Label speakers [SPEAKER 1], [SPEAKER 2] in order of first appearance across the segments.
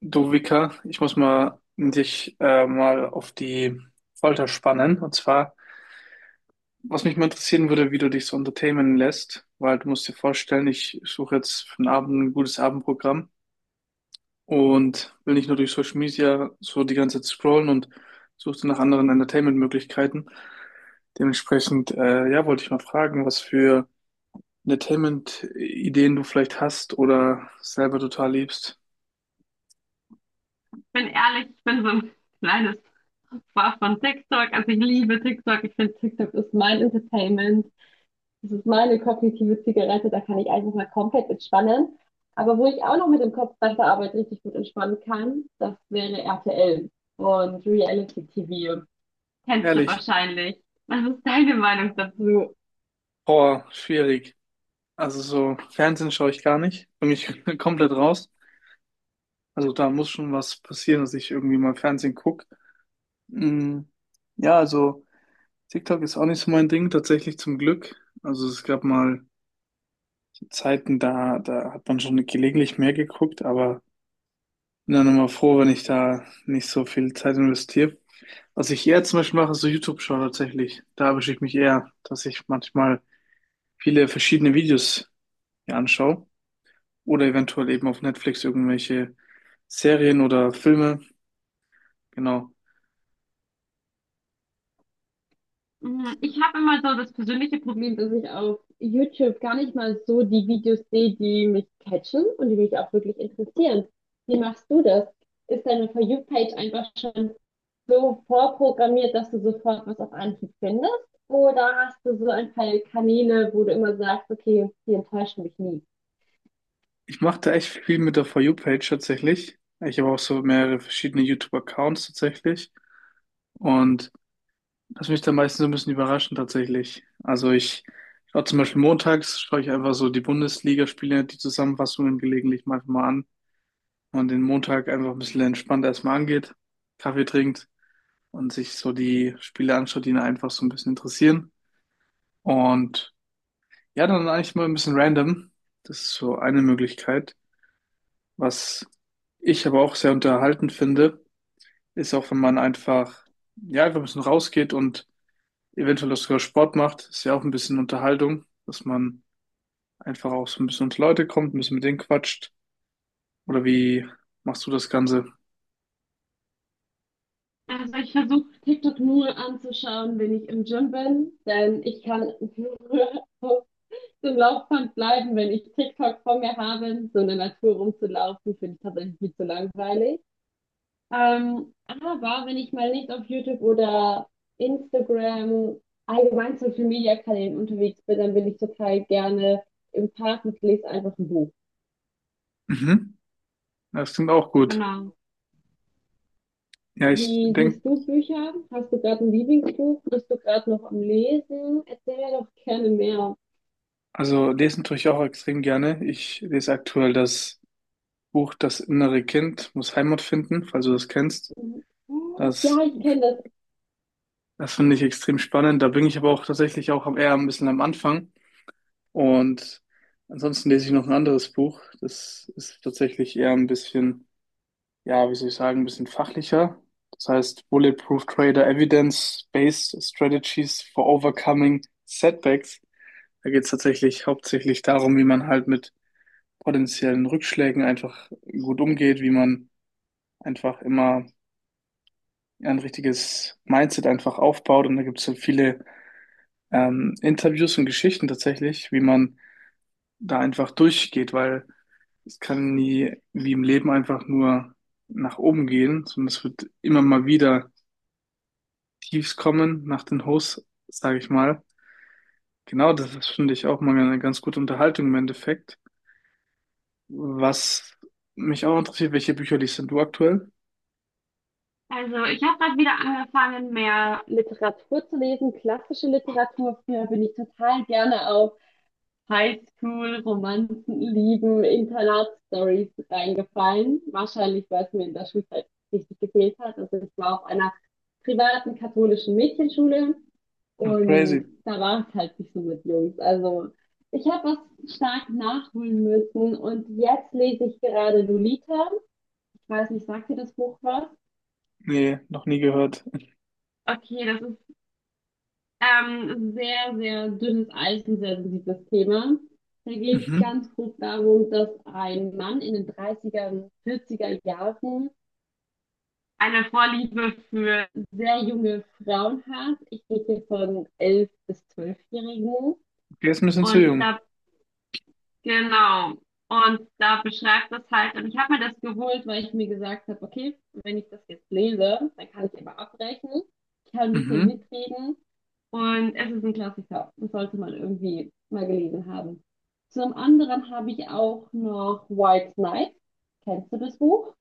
[SPEAKER 1] Du Vika, ich muss mal dich mal auf die Folter spannen. Und zwar, was mich mal interessieren würde, wie du dich so entertainen lässt, weil du musst dir vorstellen, ich suche jetzt für den Abend ein gutes Abendprogramm und will nicht nur durch Social Media so die ganze Zeit scrollen und suche nach anderen Entertainment-Möglichkeiten. Dementsprechend, ja, wollte ich mal fragen, was für Entertainment-Ideen du vielleicht hast oder selber total liebst.
[SPEAKER 2] Bin ehrlich, ich bin so ein kleines Opfer von TikTok. Also ich liebe TikTok. Ich finde, TikTok ist mein Entertainment. Das ist meine kognitive Zigarette. Da kann ich einfach mal komplett entspannen. Aber wo ich auch noch mit dem Kopf nach der Arbeit richtig gut entspannen kann, das wäre RTL und Reality TV. Kennst du
[SPEAKER 1] Ehrlich,
[SPEAKER 2] wahrscheinlich. Was ist deine Meinung dazu?
[SPEAKER 1] boah, schwierig. Also so Fernsehen schaue ich gar nicht. Bin ich komplett raus. Also da muss schon was passieren, dass ich irgendwie mal Fernsehen gucke. Mm, ja, also TikTok ist auch nicht so mein Ding, tatsächlich zum Glück. Also es gab mal Zeiten, da hat man schon gelegentlich mehr geguckt, aber bin dann immer froh, wenn ich da nicht so viel Zeit investiere. Was ich eher zum Beispiel mache, ist so YouTube-Show tatsächlich. Da erwische ich mich eher, dass ich manchmal viele verschiedene Videos mir anschaue oder eventuell eben auf Netflix irgendwelche Serien oder Filme. Genau.
[SPEAKER 2] Ich habe immer so das persönliche Problem, dass ich auf YouTube gar nicht mal so die Videos sehe, die mich catchen und die mich auch wirklich interessieren. Wie machst du das? Ist deine For You-Page einfach schon so vorprogrammiert, dass du sofort was auf Anhieb findest? Oder hast du so ein paar Kanäle, wo du immer sagst, okay, die enttäuschen mich nie?
[SPEAKER 1] Ich mache da echt viel mit der For You-Page tatsächlich. Ich habe auch so mehrere verschiedene YouTube-Accounts tatsächlich und das mich dann meistens so ein bisschen überraschen tatsächlich. Also ich schaue zum Beispiel montags, schaue ich einfach so die Bundesligaspiele, die Zusammenfassungen gelegentlich manchmal an. Und den Montag einfach ein bisschen entspannt erstmal angeht, Kaffee trinkt und sich so die Spiele anschaut, die ihn einfach so ein bisschen interessieren. Und ja, dann eigentlich mal ein bisschen random. Das ist so eine Möglichkeit. Was ich aber auch sehr unterhaltend finde, ist auch, wenn man einfach, ja, einfach ein bisschen rausgeht und eventuell auch sogar Sport macht, ist ja auch ein bisschen Unterhaltung, dass man einfach auch so ein bisschen unter Leute kommt, ein bisschen mit denen quatscht. Oder wie machst du das Ganze?
[SPEAKER 2] Also ich versuche TikTok nur anzuschauen, wenn ich im Gym bin, denn ich kann so ein Laufband bleiben, wenn ich TikTok vor mir habe. So in der Natur rumzulaufen, finde ich tatsächlich viel zu langweilig. Aber wenn ich mal nicht auf YouTube oder Instagram, allgemein Social Media Kanälen unterwegs bin, dann bin ich total gerne im Park und lese einfach ein Buch.
[SPEAKER 1] Mhm. Ja, das klingt auch gut.
[SPEAKER 2] Genau.
[SPEAKER 1] Ja, ich
[SPEAKER 2] Wie
[SPEAKER 1] denke,
[SPEAKER 2] siehst du Bücher? Hast du gerade ein Lieblingsbuch? Bist du gerade noch am Lesen? Erzähl mir doch gerne mehr.
[SPEAKER 1] also lesen tue ich auch extrem gerne. Ich lese aktuell das Buch Das innere Kind muss Heimat finden, falls du das kennst.
[SPEAKER 2] Mhm.
[SPEAKER 1] Das,
[SPEAKER 2] Ja, ich kenne das.
[SPEAKER 1] das finde ich extrem spannend. Da bin ich aber auch tatsächlich auch eher ein bisschen am Anfang. Und ansonsten lese ich noch ein anderes Buch. Das ist tatsächlich eher ein bisschen, ja, wie soll ich sagen, ein bisschen fachlicher. Das heißt Bulletproof Trader, Evidence-Based Strategies for Overcoming Setbacks. Da geht es tatsächlich hauptsächlich darum, wie man halt mit potenziellen Rückschlägen einfach gut umgeht, wie man einfach immer ein richtiges Mindset einfach aufbaut. Und da gibt es so viele Interviews und Geschichten tatsächlich, wie man da einfach durchgeht, weil es kann nie wie im Leben einfach nur nach oben gehen, sondern es wird immer mal wieder Tiefs kommen nach den Hochs, sage ich mal. Genau, das ist, finde ich auch mal eine ganz gute Unterhaltung im Endeffekt. Was mich auch interessiert, welche Bücher liest denn du aktuell?
[SPEAKER 2] Also, ich habe gerade wieder angefangen, mehr Literatur zu lesen, klassische Literatur. Früher bin ich total gerne auf Highschool-Romanzen, Lieben, Internatsstories reingefallen. Wahrscheinlich, weil es mir in der Schulzeit richtig gefehlt hat. Also, ich war auf einer privaten katholischen Mädchenschule,
[SPEAKER 1] Ach, crazy.
[SPEAKER 2] und da war es halt nicht so mit Jungs. Also, ich habe was stark nachholen müssen und jetzt lese ich gerade Lolita. Ich weiß nicht, sagt dir das Buch was?
[SPEAKER 1] Nee, noch nie gehört.
[SPEAKER 2] Okay, das sehr, sehr dünnes Eis und sehr sensibles Thema. Da geht es
[SPEAKER 1] Mhm.
[SPEAKER 2] ganz grob darum, dass ein Mann in den 30er, 40er Jahren eine Vorliebe für sehr junge Frauen hat. Ich rede hier von 11- bis 12-Jährigen.
[SPEAKER 1] Okay, ist ein bisschen zu
[SPEAKER 2] Und
[SPEAKER 1] jung.
[SPEAKER 2] da Genau. Und da beschreibt das halt, und ich habe mir das geholt, weil ich mir gesagt habe, okay, wenn ich das jetzt lese, dann kann ich immer abrechnen, ich kann ein bisschen
[SPEAKER 1] Mhm.
[SPEAKER 2] mitreden. Und es ist ein Klassiker. Das sollte man irgendwie mal gelesen haben. Zum anderen habe ich auch noch White Knight. Kennst du das Buch?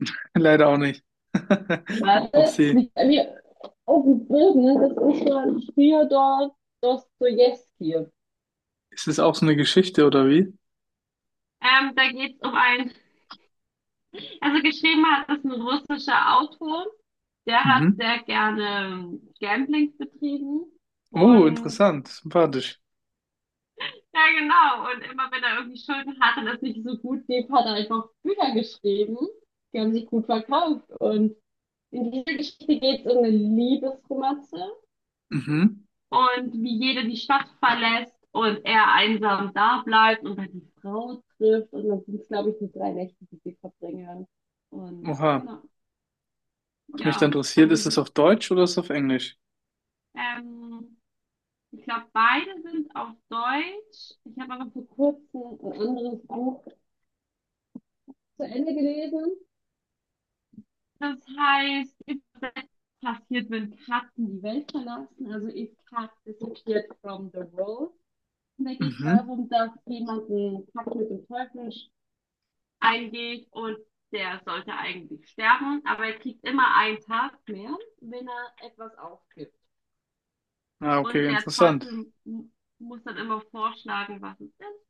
[SPEAKER 1] Leider auch nicht.
[SPEAKER 2] Warte, es
[SPEAKER 1] Upsi.
[SPEAKER 2] liegt bei mir auf dem Boden. Das ist von Fjodor Dostojewski.
[SPEAKER 1] Ist es auch so eine Geschichte oder wie?
[SPEAKER 2] Da geht es um einen, also geschrieben hat das ein russischer Autor. Der hat
[SPEAKER 1] Mhm.
[SPEAKER 2] sehr gerne Gamblings betrieben,
[SPEAKER 1] Oh,
[SPEAKER 2] und
[SPEAKER 1] interessant. Sympathisch.
[SPEAKER 2] ja, genau, und immer wenn er irgendwie Schulden hatte und es nicht so gut lief, hat er einfach Bücher geschrieben, die haben sich gut verkauft, und in dieser Geschichte geht es um eine Liebesromanze
[SPEAKER 1] Mhm.
[SPEAKER 2] und wie jeder die Stadt verlässt und er einsam da bleibt und dann die Frau trifft, und dann sind es, glaube ich, nur drei Nächte, die sie verbringen. Und
[SPEAKER 1] Oha.
[SPEAKER 2] genau,
[SPEAKER 1] Was mich da
[SPEAKER 2] ja,
[SPEAKER 1] interessiert,
[SPEAKER 2] also
[SPEAKER 1] ist es
[SPEAKER 2] so,
[SPEAKER 1] auf Deutsch oder ist es auf Englisch?
[SPEAKER 2] ähm, ich glaube, beide sind auf Deutsch. Ich habe aber vor kurzem ein anderes Buch zu Ende gelesen. Das heißt, übersetzt, Passiert, wenn Katzen die Welt verlassen. Also If Cat Disappeared from the World. Und da geht es
[SPEAKER 1] Mhm.
[SPEAKER 2] darum, dass jemand einen Pakt mit dem Teufel eingeht, und der sollte eigentlich sterben, aber er kriegt immer einen Tag mehr, wenn er etwas aufgibt.
[SPEAKER 1] Ah, okay,
[SPEAKER 2] Und der
[SPEAKER 1] interessant.
[SPEAKER 2] Teufel muss dann immer vorschlagen, was es ist,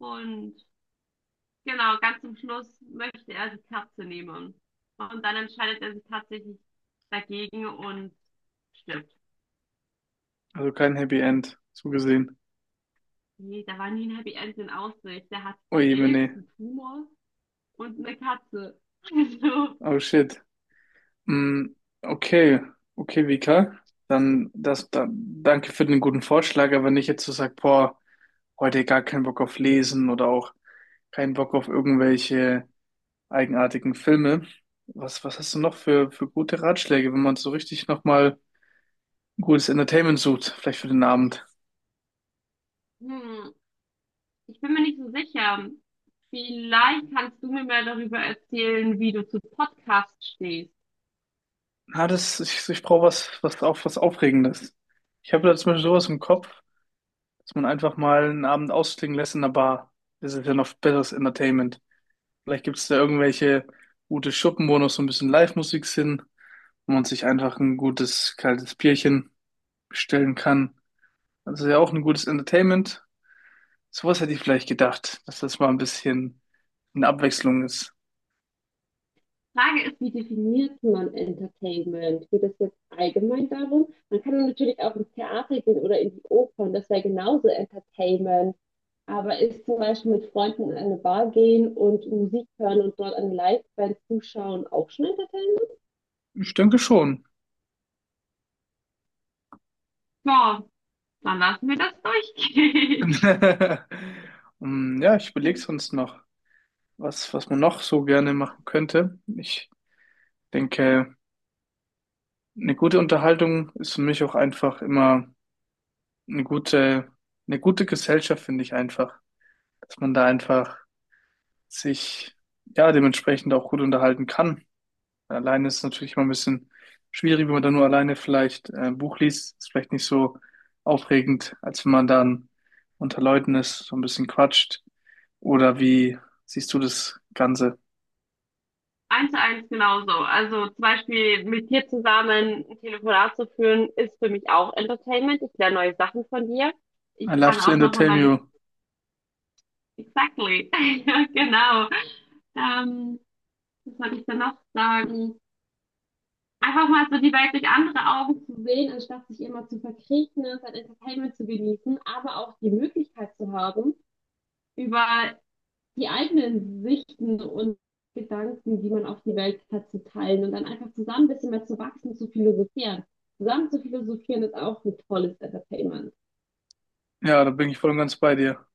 [SPEAKER 2] und genau, ganz zum Schluss möchte er die Katze nehmen. Und dann entscheidet er sich tatsächlich dagegen und stirbt.
[SPEAKER 1] Also kein Happy End, so gesehen.
[SPEAKER 2] Nee, da war nie ein Happy End in Aussicht. Der hat
[SPEAKER 1] Ui,
[SPEAKER 2] Krebs,
[SPEAKER 1] nee.
[SPEAKER 2] einen Tumor und eine Katze.
[SPEAKER 1] Oh shit. Mm, okay, okay, Vika. Dann danke für den guten Vorschlag, aber nicht jetzt zu sagen, boah, heute gar keinen Bock auf Lesen oder auch keinen Bock auf irgendwelche eigenartigen Filme. Was hast du noch für gute Ratschläge, wenn man so richtig nochmal gutes Entertainment sucht, vielleicht für den Abend?
[SPEAKER 2] Also, ich bin mir nicht so sicher. Vielleicht kannst du mir mehr darüber erzählen, wie du zu Podcasts stehst.
[SPEAKER 1] Na, ich brauche was, was auch was Aufregendes. Ich habe da zum Beispiel sowas im Kopf, dass man einfach mal einen Abend ausklingen lässt in der Bar. Das ist ja noch besseres Entertainment. Vielleicht gibt es da irgendwelche gute Schuppen, wo noch so ein bisschen Live-Musik sind, wo man sich einfach ein gutes kaltes Bierchen bestellen kann. Das ist ja auch ein gutes Entertainment. Sowas hätte ich vielleicht gedacht, dass das mal ein bisschen eine Abwechslung ist.
[SPEAKER 2] Frage ist, wie definiert man Entertainment? Geht es jetzt allgemein darum? Man kann natürlich auch ins Theater gehen oder in die Oper, und das wäre genauso Entertainment. Aber ist zum Beispiel mit Freunden in eine Bar gehen und Musik hören und dort eine Liveband zuschauen auch schon Entertainment?
[SPEAKER 1] Ich denke schon.
[SPEAKER 2] Ja, dann lassen wir das durchgehen.
[SPEAKER 1] Hm, ja, ich überlege sonst noch, was man noch so gerne machen könnte. Ich denke, eine gute Unterhaltung ist für mich auch einfach immer eine gute, eine gute Gesellschaft, finde ich einfach, dass man da einfach sich ja dementsprechend auch gut unterhalten kann. Alleine ist es natürlich immer ein bisschen schwierig, wenn man da nur alleine vielleicht ein Buch liest, ist vielleicht nicht so aufregend, als wenn man dann unter Leuten ist, so ein bisschen quatscht. Oder wie siehst du das Ganze?
[SPEAKER 2] Eins zu eins genauso. Also zum Beispiel mit dir zusammen ein Telefonat zu führen, ist für mich auch Entertainment. Ich lerne neue Sachen von dir. Ich
[SPEAKER 1] I love
[SPEAKER 2] kann
[SPEAKER 1] to
[SPEAKER 2] auch nochmal
[SPEAKER 1] entertain
[SPEAKER 2] meine
[SPEAKER 1] you.
[SPEAKER 2] Exactly. Ja, genau. Ähm, was wollte ich da noch sagen? Einfach mal so die Welt durch andere Augen zu sehen, anstatt sich immer zu verkriechen, ne, sein Entertainment zu genießen, aber auch die Möglichkeit zu haben, über die eigenen Sichten und Gedanken, die man auf die Welt hat, zu teilen und dann einfach zusammen ein bisschen mehr zu wachsen, zu philosophieren. Zusammen zu philosophieren ist auch ein tolles Entertainment.
[SPEAKER 1] Ja, da bin ich voll und ganz bei dir.